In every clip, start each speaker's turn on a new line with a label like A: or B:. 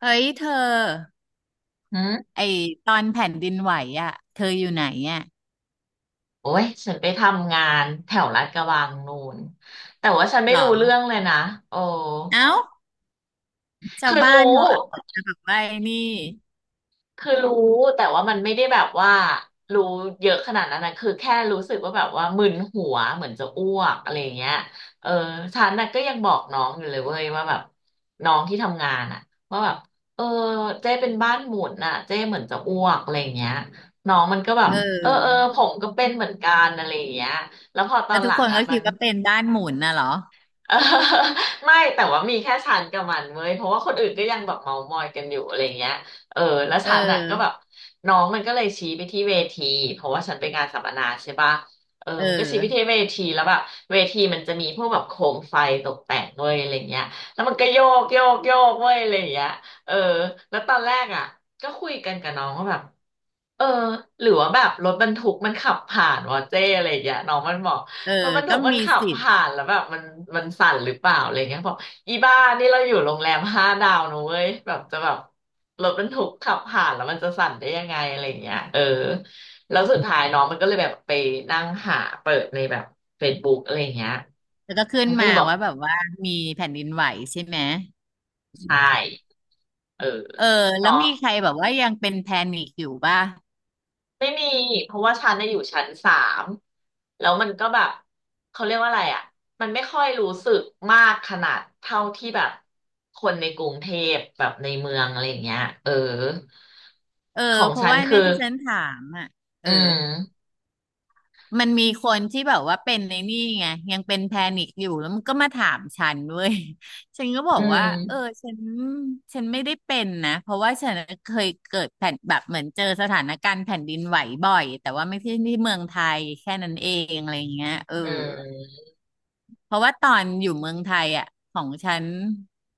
A: เฮ้ยเธอ
B: หืม
A: ไอตอนแผ่นดินไหวอ่ะเธออยู่ไหนอ่ะ
B: โอ้ยฉันไปทำงานแถวลาดกระบังนู่นแต่ว่าฉันไม่
A: หรอ
B: รู้เรื่องเลยนะโอ้
A: เอ้าชาว
B: คือ
A: บ้าน
B: รู้
A: เขาเอาแต่แบบว่าไอ้นี่
B: คือรู้ แต่ว่ามันไม่ได้แบบว่ารู้เยอะขนาดนั้นนะคือแค่รู้สึกว่าแบบว่ามึนหัวเหมือนจะอ้วกอะไรอย่างเงี้ย เออ ฉันน่ะก็ยังบอกน้องอยู่เลยเว้ยว่าแบบน้องที่ทำงานอ่ะ ว่าแบบเออเจ๊เป็นบ้านหมุนน่ะเจ๊เหมือนจะอ้วกอะไรอย่างเงี้ยน้องมันก็แบบ
A: เอ
B: เออเออ
A: อ
B: ผมก็เป็นเหมือนกันอะไรอย่างเงี้ยแล้วพอตอ
A: แล้ว
B: นห
A: ทุก
B: ลั
A: ค
B: ง
A: น
B: อ่ะ
A: ก็
B: มั
A: คิ
B: น
A: ดว่าเป็นบ้านหมุนน่ะเหรอ
B: เออไม่แต่ว่ามีแค่ฉันกับมันเว้ยเพราะว่าคนอื่นก็ยังแบบเมามอยกันอยู่อะไรเงี้ยเออแล้ว
A: เอ
B: ฉันน่ะก็แบบ
A: อ
B: น้องมันก็เลยชี้ไปที่เวทีเพราะว่าฉันไปงานสัมมนาใช่ปะเออ
A: เออ
B: มันก็ชี้ไปที่เวทีแล้วแบบเวทีมันจะมีพวกแบบโคมไฟตกแต่งเว้ยอะไรเงี้ยแล้วมันก็โยกโยกโยกเว้ยอะไรเงี้ยเออแล้วตอนแรกอ่ะก็คุยกันกับน้องว่าแบบ เออหรือว่าแบบรถบรรทุกมันขับผ่านวะเจ้อะไรอย่างเงี้ยน้องมันบอก
A: เออ
B: รถบรรทุ
A: ก็
B: กมัน
A: มี
B: ขับ
A: สิทธิ์
B: ผ่านแล้วแบบมันสั่นหรือเปล่าอะไรเงี้ยบอกอีบ้านี่เราอยู่โรงแรม5 ดาวนะเว้ยแบบจะแบบรถบรรทุกขับผ่านแล้วมันจะสั่นได้ยังไงอะไรเงี้ยเออแล้วสุดท้ายน้องมันก็เลยแบบไปนั่งหาเปิดในแบบ Facebook อะไรเงี้ย
A: แล้วก็ขึ้น
B: มันก็
A: มา
B: เลยบอก
A: ว่าแบบว่ามีแผ่นดินไหวใช่ไหม
B: ใช่เออ
A: เออแล้
B: น้
A: ว
B: อ
A: มี
B: ง
A: ใครแบบว่ายังเป็นแพนิคอยู่ป่ะ
B: ไม่มีเพราะว่าชั้นน่ะอยู่ชั้นสามแล้วมันก็แบบเขาเรียกว่าอะไรอ่ะมันไม่ค่อยรู้สึกมากขนาดเท่าที่แบบคนในกรุงเทพแบบในเมืองอะไรอย่างเงี้ยเออ
A: เออ
B: ของ
A: เพราะ
B: ฉัน
A: ว่า
B: คือ
A: เนี่ยที่ฉันถามอ่ะเอ
B: อื
A: อ
B: ม
A: มันมีคนที่แบบว่าเป็นในนี่ไงยังเป็นแพนิคอยู่แล้วมันก็มาถามฉันเว้ย ฉันก็บอ
B: อื
A: กว่าเออ
B: ม
A: ฉันฉันไม่ได้เป็นนะเพราะว่าฉันเคยเกิดแผ่นแบบเหมือนเจอสถานการณ์แผ่นดินไหวบ่อยแต่ว่าไม่ใช่ที่เมืองไทยแค่นั้นเองอะไรเงี้ยเออ
B: อืม
A: เพราะว่าตอนอยู่เมืองไทยอ่ะของฉัน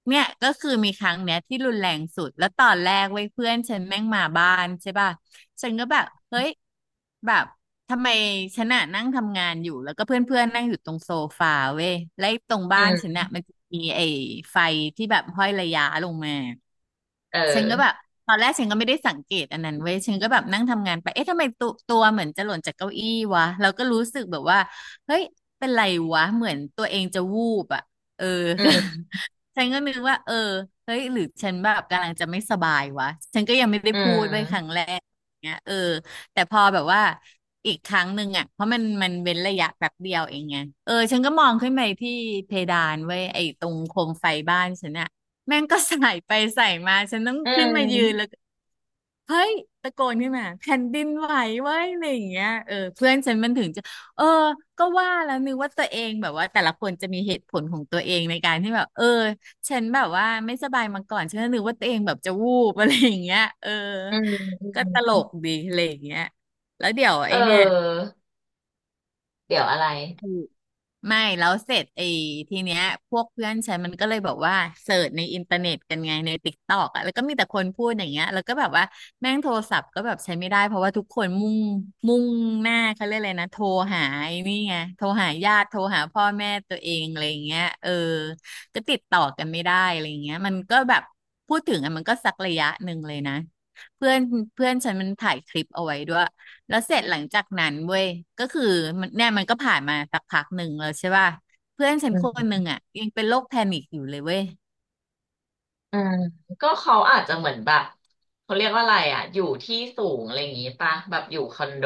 A: เนี่ยก็คือมีครั้งเนี้ยที่รุนแรงสุดแล้วตอนแรกเว้ยเพื่อนฉันแม่งมาบ้านใช่ป่ะฉันก็แบบเฮ้ยแบบทำไมฉันอะนั่งทำงานอยู่แล้วก็เพื่อนเพื่อนนั่งอยู่ตรงโซฟาเว้ยแล้วไอ้ตรง
B: อื
A: บ้านฉัน
B: ม
A: อะมันจะมีไอ้ไฟที่แบบห้อยระย้าลงมา
B: เ
A: ฉันก็แบ
B: ออ
A: บตอนแรกฉันก็ไม่ได้สังเกตอันนั้นเว้ยฉันก็แบบนั่งทำงานไปเอ๊ะทำไมตัวเหมือนจะหล่นจากเก้าอี้วะเราก็รู้สึกแบบว่าเฮ้ยเป็นไรวะเหมือนตัวเองจะวูบอ่ะเออ
B: อืม
A: ฉันก็นึกว่าเออเฮ้ยหรือฉันแบบกำลังจะไม่สบายวะฉันก็ยังไม่ได้
B: อื
A: พูดไว้ยค
B: ม
A: รั้งแรกเงี้ยเออแต่พอแบบว่าอีกครั้งหนึ่งอ่ะเพราะมันเว้นระยะแป๊บเดียวเองไงเออฉันก็มองขึ้นไปที่เพดานเว้ยไอ้ตรงโคมไฟบ้านฉันอ่ะ แม่งก็ใส่ไปใส่มาฉันต้อง
B: อื
A: ขึ้นมายืนแล้ว
B: ม
A: ก็เฮ้ยตะโกนขึ้นมาแผ่นดินไหวเว้ยอะไรอย่างเงี้ยเออเพื่อนฉันมันถึงจะเออก็ว่าแล้วนึกว่าตัวเองแบบว่าแต่ละคนจะมีเหตุผลของตัวเองในการที่แบบเออฉันแบบว่าไม่สบายมาก่อนฉันก็นึกว่าตัวเองแบบจะวูบอะไรอย่างเงี้ยเออ
B: อืมอื
A: ก็ตล
B: ม
A: กดีอะไรอย่างเงี้ยแล้วเดี๋ยว
B: เอ
A: ไอ้เนี่ย
B: อเดี๋ยวอะไร
A: ไม่แล้วเสร็จไอ้ทีเนี้ยพวกเพื่อนฉันมันก็เลยบอกว่าเสิร์ชในอินเทอร์เน็ตกันไงในติ๊กตอกอ่ะแล้วก็มีแต่คนพูดอย่างเงี้ยแล้วก็แบบว่าแม่งโทรศัพท์ก็แบบใช้ไม่ได้เพราะว่าทุกคนมุ่งหน้าเขาเรียกอะไรนะโทรหาไอ้นี่ไงโทรหาญาติโทรหาพ่อแม่ตัวเองอะไรอย่างเงี้ยเออก็ติดต่อกันไม่ได้อะไรอย่างเงี้ยมันก็แบบพูดถึงอ่ะมันก็สักระยะหนึ่งเลยนะเพื่อนเพื่อนฉันมันถ่ายคลิปเอาไว้ด้วย แล้วเสร็จหลังจากนั้นเว้ยก็คือมันเนี่ยมันก็ผ่านมาสักพักหนึ่งแล้วใช่ป่ะเพื่อนฉันคนหนึ่งอ่ะยังเป็นโรคแพนิคอยู่เลยเว้ย
B: อืมก็เขาอาจจะเหมือนแบบเขาเรียกว่าอะไรอ่ะอยู่ที่สูงอะไรอย่างงี้ปะแบบอยู่คอนโด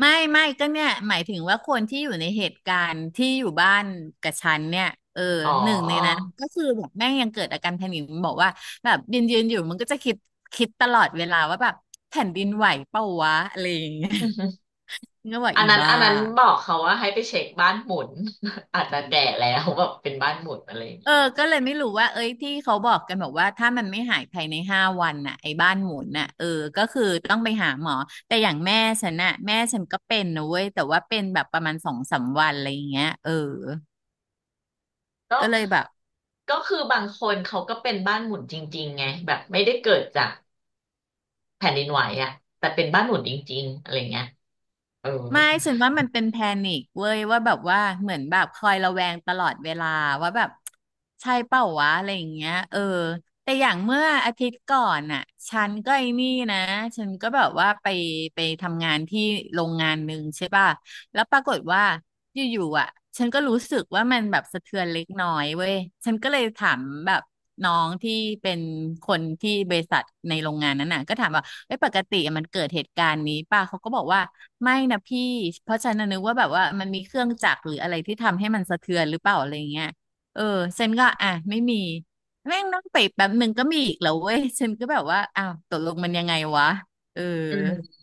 A: ไม่ก็เนี่ยหมายถึงว่าคนที่อยู่ในเหตุการณ์ที่อยู่บ้านกับฉันเนี่ยเออ
B: อ๋อ
A: หนึ่งในนั้นก็คือแบบแม่งยังเกิดอาการแพนิคบอกว่าแบบยืนอยู่มันก็จะคิดตลอดเวลาว่าแบบแผ่นดินไหวเปล่าวะอะไรอย่างเงี้ย ก็บอก
B: อัน
A: อี
B: นั้น
A: บ้า
B: อันนั้นบอกเขาว่าให้ไปเช็คบ้านหมุน อาจจะแก่แล้วแบบเป็นบ้านหมุนอะไรอย่าง
A: เอ
B: งี้
A: อ ก็เลยไม่รู้ว่า เอ้ยที่เขาบอกกันบอกว่าถ้ามันไม่หายภายใน5 วันน่ะไอ้บ้านหมุนน่ะเออ ก็คือต้องไปหาหมอ แต่อย่างแม่ฉันน่ะแม่ฉันก็เป็นนะเว้ยแต่ว่าเป็นแบบประมาณสองสามวันอะไรอย่างเงี้ยเออ
B: ก็
A: ก็เลยแบบ
B: ก็คือบางคนเขาก็เป็นบ้านหมุนจริงๆไงแบบไม่ได้เกิดจากแผ่นดินไหวอ่ะแต่เป็นบ้านหมุนจริงๆอะไรเงี้ยเออ
A: ไม่ฉันว่ามันเป็นแพนิคเว้ยว่าแบบว่าเหมือนแบบคอยระแวงตลอดเวลาว่าแบบใช่เปล่าวะอะไรอย่างเงี้ยเออแต่อย่างเมื่ออาทิตย์ก่อนน่ะฉันก็ไอ้นี่นะฉันก็แบบว่าไปทำงานที่โรงงานหนึ่งใช่ป่ะแล้วปรากฏว่า อยู่ๆอ่ะฉันก็รู้สึกว่ามันแบบสะเทือนเล็กน้อยเว้ยฉันก็เลยถามแบบน้องที่เป็นคนที่บริษัทในโรงงานนั้นน่ะก็ถามว่าเอ้ยปกติมันเกิดเหตุการณ์นี้ป่ะเขาก็บอกว่าไม่นะพี่เพราะฉันน่ะนึกว่าแบบว่ามันมีเครื่องจักรหรืออะไรที่ทำให้มันสะเทือนหรือเปล่าอะไรเงี้ยเออฉันก็อ่ะไม่มีแม่งนั่งไปแป๊บหนึ่งก็มีอีกแล้วเว้ยฉันก็แบบว่าอ้าวตกลงมันยังไงวะเออ
B: อืม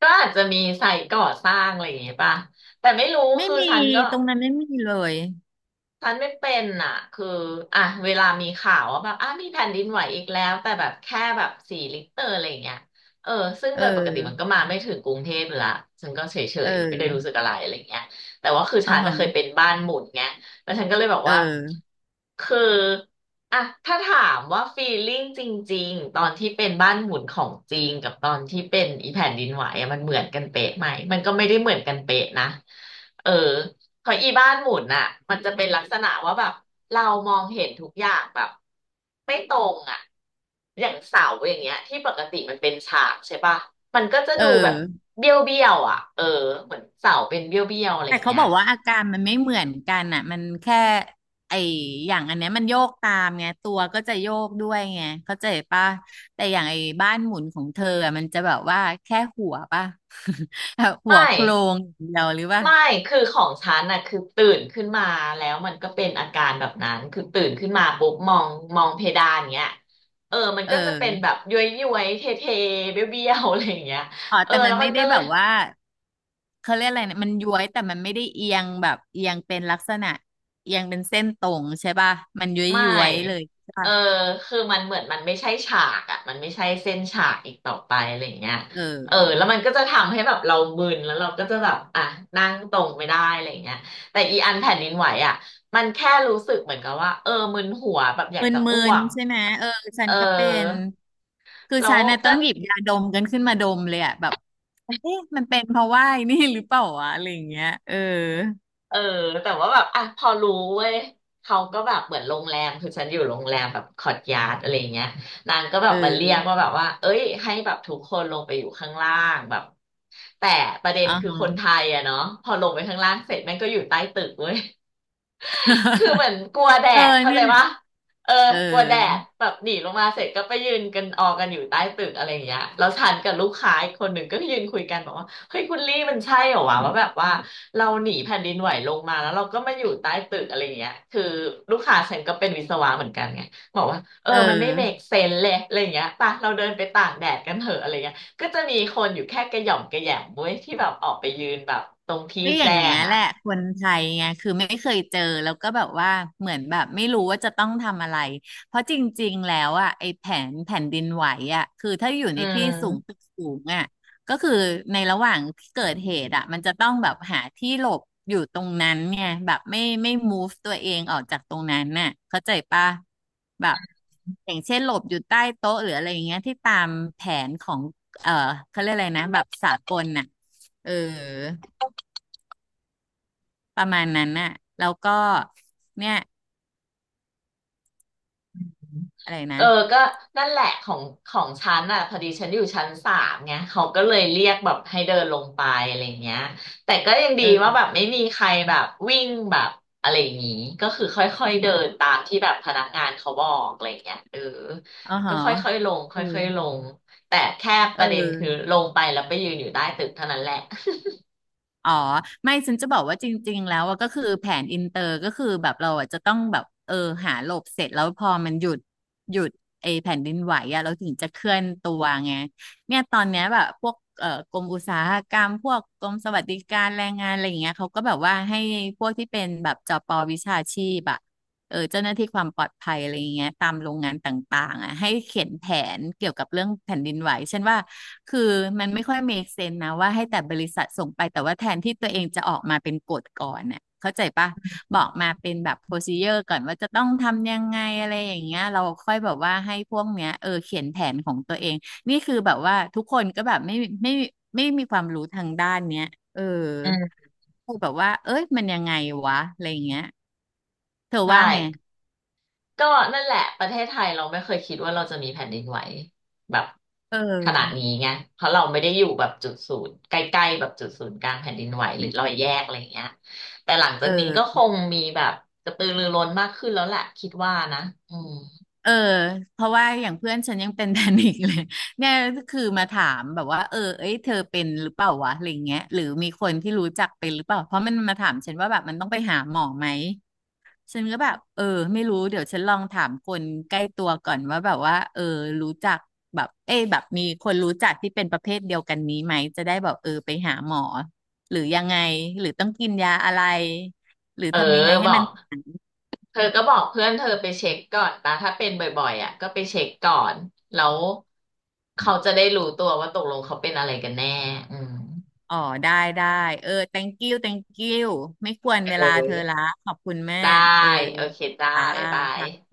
B: ก็อาจจะมีไซต์ก่อสร้างอะไรอย่างเงี้ยป่ะแต่ไม่รู้
A: ไม่
B: คือ
A: มี
B: ฉันก็
A: ตรงนั้นไม่มีเลย
B: ฉันไม่เป็นอ่ะคืออ่ะเวลามีข่าวว่าแบบอ่ะมีแผ่นดินไหวอีกแล้วแต่แบบแค่แบบ4 ลิกเตอร์อะไรอย่างเงี้ยเออ ซึ่ง
A: เอ
B: โดยปกติมันก็
A: อ
B: มาไม่ถึงกรุงเทพอยู่ละฉันก็เฉ
A: เอ
B: ยๆไม่ได้รู้
A: อ
B: สึกอะไรอะไรอย่างเงี้ยแต่ว่าคือ
A: อ่า
B: ฉันน่ะ
A: ฮะ
B: เคยเป็นบ้านหมุนไงแล้วฉันก็เลยบอก
A: เออ
B: ว่า คืออ่ะ ถ้าถามว่าฟีลลิ่งจริงๆตอนที่เป็นบ้านหมุนของจริงกับตอนที่เป็นอีแผ่นดินไหวอะมันเหมือนกันเป๊ะไหมมันก็ไม่ได้เหมือนกันเป๊ะนะเออ ของอีบ้านหมุนอ่ะมันจะเป็นลักษณะว่าแบบเรามองเห็นทุกอย่างแบบไม่ตรงอ่ะอย่างเสาอย่างเงี้ยที่ปกติมันเป็นฉากใช่ปะมันก็จะ
A: เอ
B: ดูแบบ
A: อ
B: เบี้ยวเบี้ยวอ่ะเออเหมือนเสาเป็นเบี้ยวเบี้ยวอะไรอ
A: แต่
B: ย่าง
A: เขา
B: เงี้
A: บ
B: ย
A: อกว่าอาการมันไม่เหมือนกันอ่ะมันแค่ไออย่างอันเนี้ยมันโยกตามไงตัวก็จะโยกด้วยไงเข้าใจป่ะแต่อย่างไอ้บ้านหมุนของเธออะมันจะแบบว่าแค่หัวป่ะ แบบ
B: ไม
A: หัวโคร
B: ่
A: งอย่างเดียวหรือป่ะ
B: ไม่คือของฉันน่ะคือตื่นขึ้นมาแล้วมันก็เป็นอาการแบบนั้นคือตื่นขึ้นมาปุ๊บมองเพดานเงี้ยเออมัน
A: เ
B: ก็จะเป็นแบ
A: ออ
B: บย้วยย้วยเทเทเบี้ยวเบี้ยวๆอะไรอย่างเงี้ย
A: อ๋อ
B: เออ
A: แต่มั
B: แล้
A: น
B: ว
A: ไม่
B: มัน
A: ได้
B: ก็เล
A: แบ
B: ย
A: บว่าเขาเรียกอะไรนะมันย้วยแต่มันไม่ได้เอียงแบบเอียงเป็นลักษณะเอียงเป็นเส้นตรงใช่ป่ะมันย
B: ไม่
A: ้วยๆเลยใช่
B: เออ
A: ป่ะ
B: คือมันเหมือนมันไม่ใช่ฉากอะมันไม่ใช่เส้นฉากอีกต่อไปอะไรอย่างเงี้ย
A: เอ
B: เออ
A: อ
B: แล้วมันก็จะทำให้แบบเรามึนแล้วเราก็จะแบบอ่ะนั่งตรงไม่ได้อะไรอย่างเงี้ยแต่อีอันแผ่นดินไหวอะมันแค่รู้สึกเหมือนกับว่า เออมึนหัวแบบอ
A: ม
B: ยากจะอ้
A: ึ
B: ว
A: น
B: ก
A: ๆใช่ไหมเออฉั
B: เอ
A: น
B: อ
A: ก็เป็นคือ
B: แล้
A: ฉั
B: ว
A: นน่ะต้
B: ก็
A: องหยิบยาดมกันขึ้นมาดมเลยอะแบบเอ๊ะมันเป็นเพราะว่าไอ้นี่หรือเปล่าวะอะไรอย่างเงี้ยเออ
B: เออแต่ว่าแบบอ่ะพอรู้เว้ยเขาก็แบบเหมือนโรงแรมคือฉันอยู่โรงแรมแบบคอร์ทยาร์ดอะไรเงี้ยนางก็แบ
A: เ
B: บมาเรียก
A: ออ
B: ว่าแบบว่าเอ้ยให้แบบทุกคนลงไปอยู่ข้างล่างแบบแต่ประเด็น
A: อ่า
B: คือ
A: ฮะ
B: คนไทยอะเนาะพอลงไปข้างล่างเสร็จแม่งก็อยู่ใต้ตึกเว้ย คือเหมื อนกลัวแด
A: เออ
B: ดเข้า
A: เนี่
B: ใจ
A: ย
B: ปะเออ
A: เอ
B: กลัวแดด
A: อ
B: แบบหนีลงมาเสร็จก็ไปยืนกันออกันอยู่ใต้ตึกอะไรอย่างเงี้ยแล้วฉันกับลูกค้าอีกคนหนึ่งก็ยืนคุยกันบอกว่าเฮ้ยคุณลี่มันใช่เหรอวะว่าแบบว่าเราหนีแผ่นดินไหวลงมาแล้วเราก็มาอยู่ใต้ตึกอะไรอย่างเงี้ยคือลูกค้าฉันก็เป็นวิศวะเหมือนกันไงบอกว่าเออ
A: เอ
B: มันไม่เมค
A: อ
B: เซนเลยอะไรอย่างเงี้ยป่ะเราเดินไปตากแดดกันเถอะอะไรเงี้ยก็จะมีคนอยู่แค่กระหย่อมกระแหยมเว้ยที่แบบออกไปยืนแบบตรงที่
A: ก็อย่า
B: แจ้
A: งเงี้
B: ง
A: ยแห
B: อ่ะ
A: ละคนไทยไงคือไม่เคยเจอแล้วก็แบบว่าเหมือนแบบไม่รู้ว่าจะต้องทำอะไรเพราะจริงๆแล้วอ่ะไอ้แผนแผ่นดินไหวอ่ะคือถ้าอยู่
B: อื
A: ในที่สูง
B: ม
A: ตึกสูงอ่ะก็คือในระหว่างที่เกิดเหตุอ่ะมันจะต้องแบบหาที่หลบอยู่ตรงนั้นไงแบบไม่ move ตัวเองออกจากตรงนั้นน่ะเข้าใจปะแบบอย่างเช่นหลบอยู่ใต้โต๊ะหรืออะไรอย่างเงี้ยที่ตามแผนของเออเขาเรียกอะไรนะแบบสากลน่ะเออ ประมาณนั้นน่ะ แล้วก็เนี่ยอะไรนะ
B: เออก็นั่นแหละของฉันอ่ะพอดีฉันอยู่ชั้นสามไงเขาก็เลยเรียกแบบให้เดินลงไปอะไรเงี้ยแต่ก็ยังดี
A: เอ
B: ว่าแบบ
A: อ
B: ไม่มีใครแบบวิ่งแบบอะไรอย่างงี้ก็คือค่อยๆเดินตามที่แบบพนักงานเขาบอกอะไรเงี้ยเออ
A: อ๋อห
B: ก็
A: อ
B: ค่อยๆลงค
A: เออ
B: ่อยๆลงแต่แค่
A: เ
B: ประเด็นคือ
A: ออ
B: ลงไปแล้วไปยืนอยู่ใต้ตึกเท่านั้นแหละ
A: อ๋อไม่ฉันจะบอกว่าจริงๆแล้วอะก็คือแผนอินเตอร์ก็คือแบบเราอะจะต้องแบบเออหาหลบเสร็จแล้วพอมันหยุดไอแผ่นดินไหวอะเราถึงจะเคลื่อนตัวไงเนี่ยตอนเนี้ยแบบพวกกรมอุตสาหกรรมพวกกรมสวัสดิการแรงงานอะไรอย่างเงี้ยเขาก็แบบว่าให้พวกที่เป็นแบบจปวิชาชีพอะเออเจ้าหน้าที่ความปลอดภัยอะไรอย่างเงี้ยตามโรงงานต่างๆอะให้เขียนแผนเกี่ยวกับเรื่องแผ่นดินไหวฉันว่า คือมันไม่ค่อย make sense นะว่าให้แต่บริษัทส่งไปแต่ว่าแทนที่ตัวเองจะออกมาเป็นกฎก่อนน่ะเข้าใจปะบอกมาเป็นแบบ procedure ก่อนว่าจะต้องทำยังไงอะไรอย่างเงี้ยเราค่อยแบบว่าให้พวกเนี้ยเออเขียนแผนของตัวเองนี่คือแบบว่าทุกคนก็แบบไม่ไม่มมีความรู้ทางด้านเนี้ยเออ
B: อืม
A: คือแบบว่าเอ้ยมันยังไงวะอะไรอย่างเงี้ยเธอ
B: ใช่
A: ว่าไง
B: ก็นั่นแหละประเทศไทยเราไม่เคยคิดว่าเราจะมีแผ่นดินไหวแบบ
A: เอ
B: ขนาดนี้
A: อ
B: ไงเพราะเราไม่ได้อยู่แบบจุดศูนย์ใกล้ๆแบบจุดศูนย์กลางแผ่นดินไหวหรือรอยแยกอะไรเงี้ยแต่หลังจา
A: เอ
B: กนี้
A: อ
B: ก็คงมีแบบกระตือรือร้นมากขึ้นแล้วแหละคิดว่านะอืม
A: เออเพราะว่าอย่างเพื่อนฉันยังเป็น แพนิคเลยเนี่ยคือมาถามแบบว่าเออเอ้ยเธอเป็นหรือเปล่าวะอะไรเงี้ยหรือมีคนที่รู้จักเป็นหรือเปล่าเพราะมันมาถามฉันว่าแบบมันต้องไปหาหมอไหมฉันก็แบบเออไม่รู้เดี๋ยวฉันลองถามคนใกล้ตัวก่อนว่าแบบว่าเออรู้จักแบบเอ้ยแบบมีคนรู้จักที่เป็นประเภทเดียวกันนี้ไหมจะได้แบบเออไปหาหมอหรือยังไงหรือต้องกินยาอะไรหรือ
B: เออ
A: ทำยังไงให้
B: บอ
A: มัน
B: กเธอก็บอกเพื่อนเธอไปเช็คก่อนปะถ้าเป็นบ่อยๆอ่ะก็ไปเช็คก่อนแล้วเขาจะได้รู้ตัวว่าตกลงเขาเป็นอะไรกันแน่อืม
A: อ๋อได้ได้เออ thank you thank you ไม่ควรเวลา
B: เออ
A: เธอละขอบคุณแม่
B: ได้
A: เออ
B: โอเคจ้า
A: อ่า
B: บ๊ายบาย
A: ค่ะ